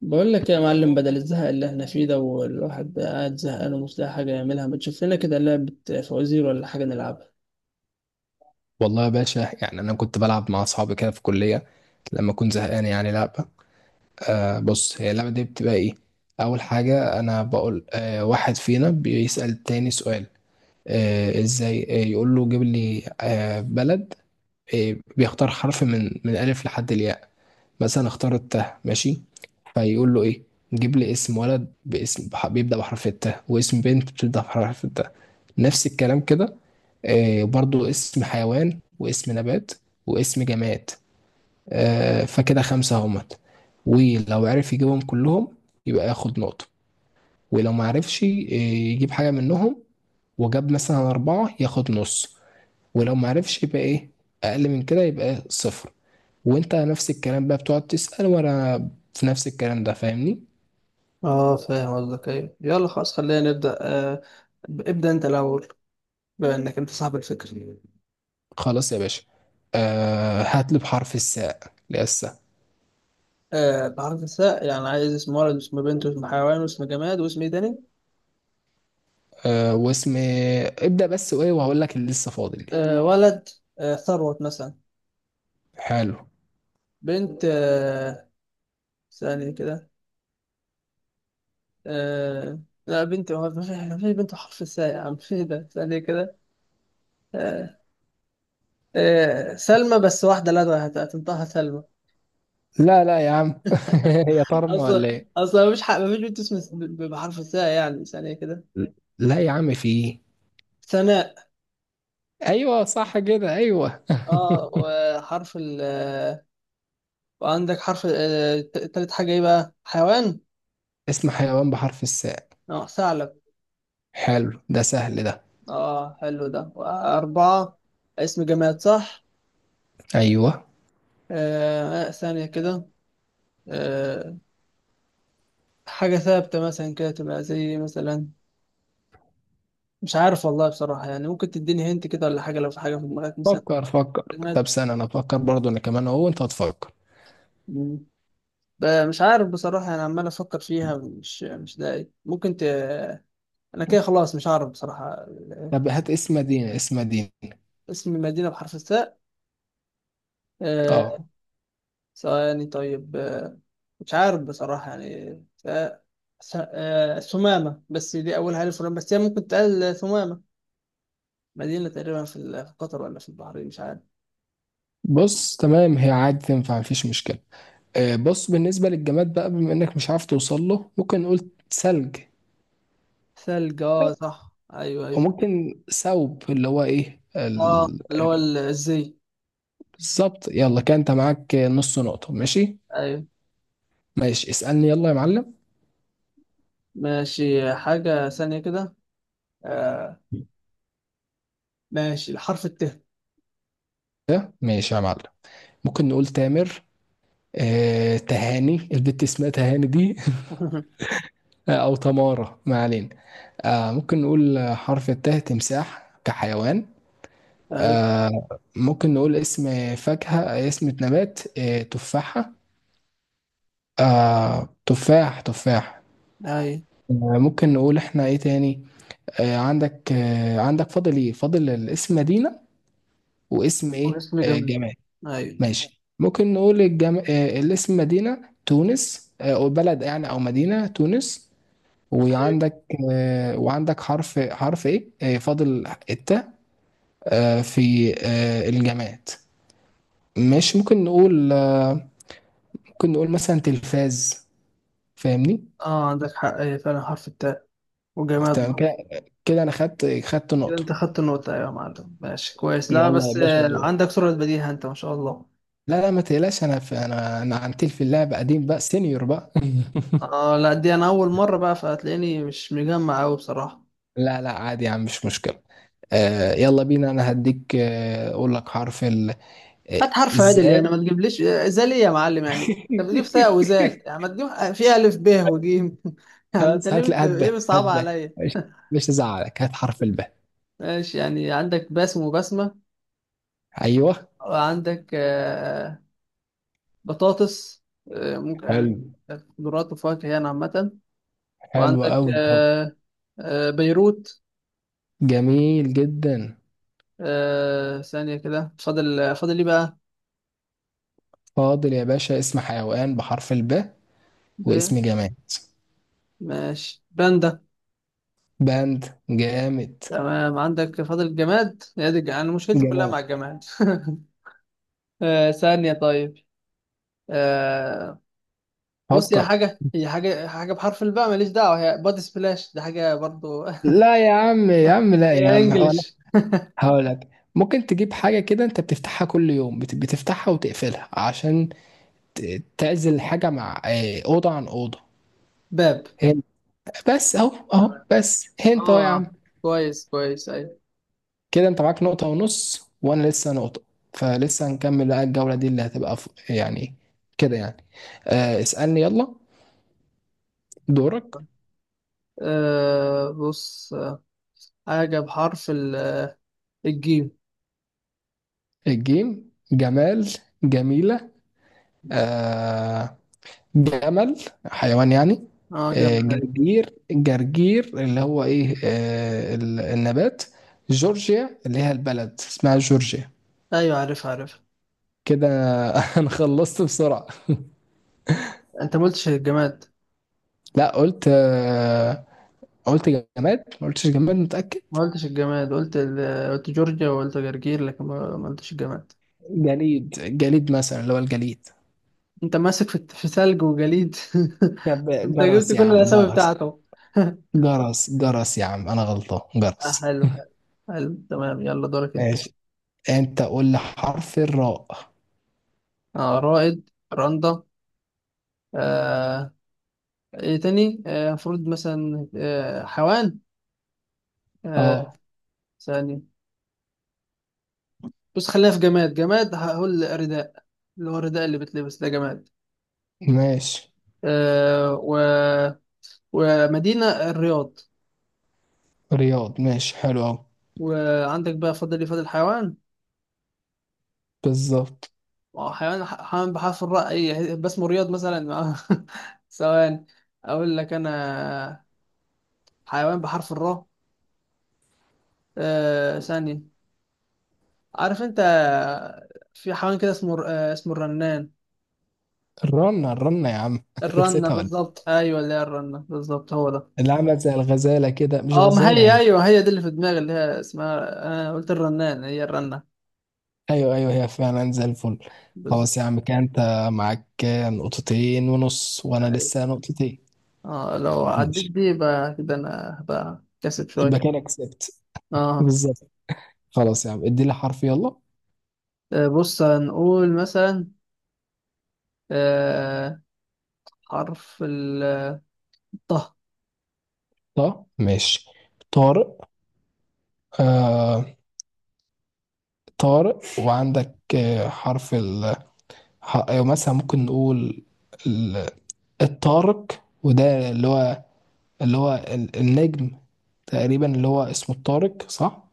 بقول لك يا معلم، بدل الزهق اللي احنا فيه ده والواحد قاعد زهقان ومش لاقي حاجة يعملها، ما تشوف لنا كده لعبة فوازير ولا حاجة نلعبها. والله يا باشا، انا كنت بلعب مع اصحابي كده في الكليه لما اكون زهقان يعني لعبه. بص، هي اللعبه دي بتبقى ايه؟ اول حاجه انا بقول، واحد فينا بيسال التاني سؤال. ازاي؟ يقول له جيب لي بلد. بيختار حرف من الف لحد الياء. مثلا اختار التاء، ماشي. فيقول له ايه؟ جيب لي اسم ولد باسم بيبدا بحرف التاء، واسم بنت بتبدا بحرف التاء، نفس الكلام كده. برضو اسم حيوان واسم نبات واسم جماد. فكده خمسة همت. ولو عرف يجيبهم كلهم يبقى ياخد نقطة، ولو ما عرفش يجيب حاجة منهم وجاب مثلا أربعة ياخد نص، ولو ما عرفش يبقى إيه؟ أقل من كده يبقى صفر. وأنت نفس الكلام بقى بتقعد تسأل وأنا في نفس الكلام ده. فاهمني؟ اه، فاهم قصدك. ايوه يلا خلاص خلينا نبدأ. ابدأ انت الأول بما انك انت صاحب الفكرة. خلاص يا باشا. هات لي بحرف الساء لسه. بحرف الثاء يعني عايز اسم ولد واسم بنت واسم حيوان واسم جماد واسم ايه تاني؟ واسم، ابدأ بس وإيه، وهقول لك اللي لسه فاضل. ولد. ثروت مثلا. حلو. بنت، ثانية كده. آه لا بنت، هو ما في بنت بحرف الثاء يا عم في ده. ثانية كده. آه، سلمى. بس واحدة، لا، هتنطقها سلمى. لا، لا يا عم هي طرمة ولا أصلا ايه؟ أصلا مفيش بنت اسمها بحرف الثاء. يعني ثانية كده. لا يا عم، في ايه. ثناء. ايوه صح كده، ايوه. اه وحرف ال، وعندك حرف. تالت حاجة ايه بقى؟ حيوان. اسم حيوان بحرف الساء. اه ثعلب. حلو ده، سهل ده. اه حلو ده. أربعة. اسم جماد، صح. ايوه. ثانية كده. آه حاجة ثابتة مثلا كده تبقى زي مثلا. مش عارف والله بصراحة يعني، ممكن تديني هنت كده ولا حاجة لو في حاجة في دماغك مثلا. فكر فكر. طب سنة انا افكر برضه انا كمان اهو، وانت هتفكر. جماد. مش عارف بصراحة، أنا عمال أفكر فيها مش لاقي. أنا كده خلاص مش عارف بصراحة طب هات اسم مدينة، اسم مدينة. اسم المدينة بحرف الثاء. آه، اه ثواني طيب. مش عارف بصراحة يعني. ف... س... آه، ثمامة، بس دي أولها ألف ولام بس هي ممكن تقال ثمامة. مدينة تقريبا في قطر ولا في البحرين، مش عارف. بص، تمام، هي عادي تنفع، مفيش مشكلة. بص بالنسبة للجماد بقى، بما انك مش عارف توصل له، ممكن نقول ثلج. ثلج، اه صح، أيوه أيوه. وممكن ثوب، اللي هو ايه. اه، اللي هو الزي. بالظبط. يلا، كان انت معاك نص نقطة، ماشي. أيوه، ماشي، اسألني يلا يا معلم. ماشي. حاجة ثانية كده. آه، ماشي. الحرف الت. ماشي يا معلم. ممكن نقول تامر. تهاني، البت اسمها تهاني دي او تمارة، ما علينا. ممكن نقول حرف التاء تمساح كحيوان. اي آه، ممكن نقول اسم فاكهة اسم نبات، تفاحة. تفاح تفاح. اي. ممكن نقول احنا ايه تاني؟ عندك فاضل ايه؟ فاضل الاسم مدينة واسم ايه، واسم جماد. جماد. اي ماشي، ممكن نقول الجم... آه، الاسم مدينة تونس، أو بلد يعني، أو مدينة تونس. اي. وعندك، حرف إيه؟ فاضل التاء. آه، في آه، الجماد. ماشي، ممكن نقول مثلا تلفاز. فاهمني؟ اه عندك حق، اي فعلا حرف التاء وجماد تمام بقى. كده. كده أنا خدت كده نقطة. انت خدت النقطة. ايوه يا معلم، ماشي كويس. لا يلا يا بس باشا دور. عندك سرعة بديهة انت، ما شاء الله. لا لا ما تقلقش، أنا عن تلف اللعب قديم بقى، سينيور بقى اه لا، دي انا اول مرة بقى، فهتلاقيني مش مجمع قوي بصراحة. لا لا عادي يا عم، مش مشكلة. يلا بينا، انا هديك اقول لك حرف ال آه، هات حرف عدل ازاي يعني، ما تجيبليش زال ايه يا معلم يعني. انت بتجيب تاء وزال، يعني ما تجيب في الف ب وجيم. يعني انت خلاص هات، لا هات ب، ليه هات بتصعب ب عليا. مش مش هزعلك، هات حرف الب. ماشي، يعني عندك باسم وبسمة، ايوه، وعندك بطاطس. ممكن حلو، خضروات وفواكه يعني عامة. حلو وعندك قوي قوي، بيروت. جميل جدا. ثانية كده. فاضل ايه بقى؟ فاضل يا باشا اسم حيوان بحرف الب ب... واسم جماد. ماشي باندا. باند، جامد. تمام، عندك فاضل الجماد. هي دي أنا مشكلتي كلها مع جماد، الجماد. ثانية طيب. آه، بص، هي فكر. حاجة هي حاجة حاجة بحرف الباء ماليش دعوة. هي بادي سبلاش، دي حاجة برضو. لا يا عم، يا عم، لا يا هي عم، انجلش. هقولك ممكن تجيب حاجة كده انت بتفتحها كل يوم، بتفتحها وتقفلها عشان تعزل حاجة مع أوضة عن أوضة. باب. هنت. بس اهو، اهو تمام، بس، هنت اهو يا اه عم. كويس كويس، ايوه. كده انت معاك نقطة ونص وانا لسه نقطة. فلسه هنكمل بقى الجولة دي اللي هتبقى يعني كده يعني. اسألني يلا، دورك. بص، حاجة بحرف الجيم. الجيم. جمال، جميلة، آه جمل، حيوان يعني. اه، جمل، ايوه جرجير، جرجير اللي هو ايه، النبات. جورجيا، اللي هي البلد اسمها جورجيا. ايوه، عارف عارف. كده انا خلصت بسرعة. انت ما قلتش الجماد، لا قلت، قلت جماد، ما قلتش جماد، متأكد. ما قلتش الجماد، قلت قلت جورجيا وقلت جرجير، لكن ما قلتش الجماد. جليد، جليد مثلا اللي هو الجليد. انت ماسك في ثلج وجليد. طب انت جبت جرس يا كل عم، الاسامي جرس، بتاعته. جرس، جرس يا عم، انا غلطان، جرس. حلو حلو حلو. تمام يلا، دورك انت. ماشي، انت قول لي حرف الراء. اه، رائد، رندا. آه ايه تاني؟ المفروض مثلا حيوان. آه اه. ثاني. بص، خلينا في جماد، هقول رداء. اللي هو الرداء اللي بتلبس ده، جماد. ماشي آه، و... ومدينة الرياض. رياض، ماشي حلو قوي، وعندك بقى فاضل لي، فاضل حيوان. بالظبط. حيوان بحرف الراء. اي باسمه رياض مثلا. ثواني، اقول لك انا. حيوان بحرف الراء. ثانية. عارف انت؟ في حيوان كده اسمه اسمه الرنان. الرنة، الرنة يا عم انت الرنة نسيتها ولا إيه؟ بالظبط، ايوه اللي هي الرنة بالظبط، هو ده. اللي عملت زي الغزالة كده، مش اه، ما غزالة هي هي؟ ايوه، هي دي اللي في دماغي، اللي هي اسمها، انا قلت الرنان هي الرنة ايوه ايوه، هي فعلا زي الفل. بالظبط. خلاص يا عم، كده انت معاك نقطتين ونص وانا لسه نقطتين. اه، لو عديت ماشي، دي يبقى كده انا هبقى كاسب يبقى شوية. كده كسبت. اه. بالظبط. خلاص يا عم، ادي لي حرف يلا. بص، هنقول مثلا آه حرف الطه. طه، ماشي. طارق. آه طارق وعندك أيوة مثلا ممكن نقول ال- الطارق، وده اللي هو النجم تقريبا اللي هو اسمه الطارق صح.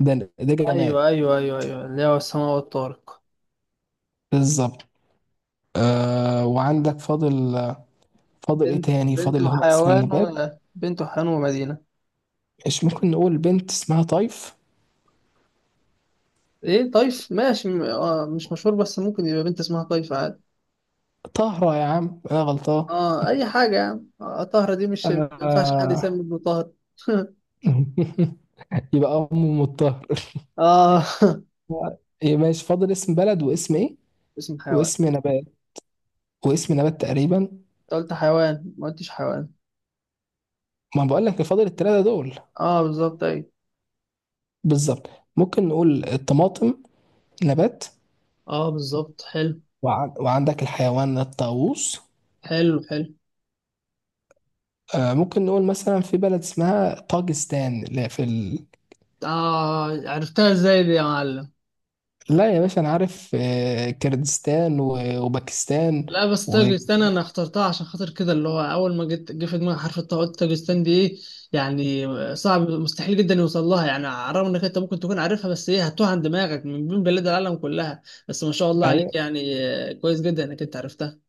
ده ده جماد. ايوه ايوه ايوه ايوه، اللي هو السماء والطارق. بالظبط. وعندك فاضل ايه بنت تاني؟ فاضل بنت اللي هو اسم وحيوان، النبات. ولا بنت وحيوان ومدينة؟ مش ممكن نقول بنت اسمها طيف؟ ايه طيف؟ ماشي. مش مشهور، بس ممكن يبقى بنت اسمها طيف عادي. طهرة يا عم، انا غلطان اه، اي حاجة يعني. طهرة دي مش، ما ينفعش حد يسمي آه ابنه طهر. يبقى ام مطهر. اه. إيه ماشي، فاضل اسم بلد واسم ايه، اسم حيوان. واسم نبات واسم نبات تقريبا. انت قلت حيوان، ما قلتش حيوان. ما بقول لك فاضل الثلاثه دول. اه بالظبط، اي. بالظبط. ممكن نقول الطماطم، نبات. اه بالظبط، حلو وعندك الحيوان الطاووس. حلو حلو. ممكن نقول مثلا في بلد اسمها طاجستان. لا، في اه، عرفتها ازاي دي يا معلم؟ لا يا باشا، انا عارف كردستان وباكستان لا، بس و... تاجستان انا اخترتها عشان خاطر كده، اللي هو اول ما جيت جه في دماغي حرف الطاء قلت تاجستان دي ايه يعني. صعب، مستحيل جدا يوصل لها يعني، على الرغم انك انت ممكن تكون عارفها، بس ايه، هتوه عن دماغك من بين بلاد العالم كلها. بس ما شاء الله عليك، ايوه يعني كويس جدا انك انت عرفتها.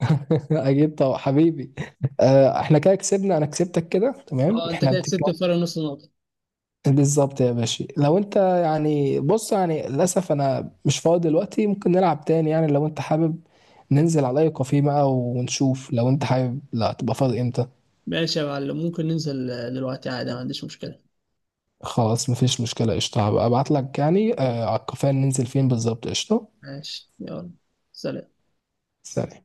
اكيد طبعا حبيبي. احنا كده كسبنا، انا كسبتك كده، تمام، اه، انت احنا كده كسبت بنتكلم فرق نص نقطة. بالظبط يا باشا. لو انت يعني بص يعني للاسف انا مش فاضي دلوقتي، ممكن نلعب تاني يعني لو انت حابب. ننزل على اي كافيه بقى ونشوف، لو انت حابب لا تبقى فاضي امتى. ماشي يا معلم، ممكن ننزل دلوقتي عادي، ما عنديش مشكلة. خلاص مفيش مشكلة، قشطة. هبقى ابعت لك يعني على الكافيه ننزل فين بالظبط. قشطة، ماشي، يلا سلام. سلام.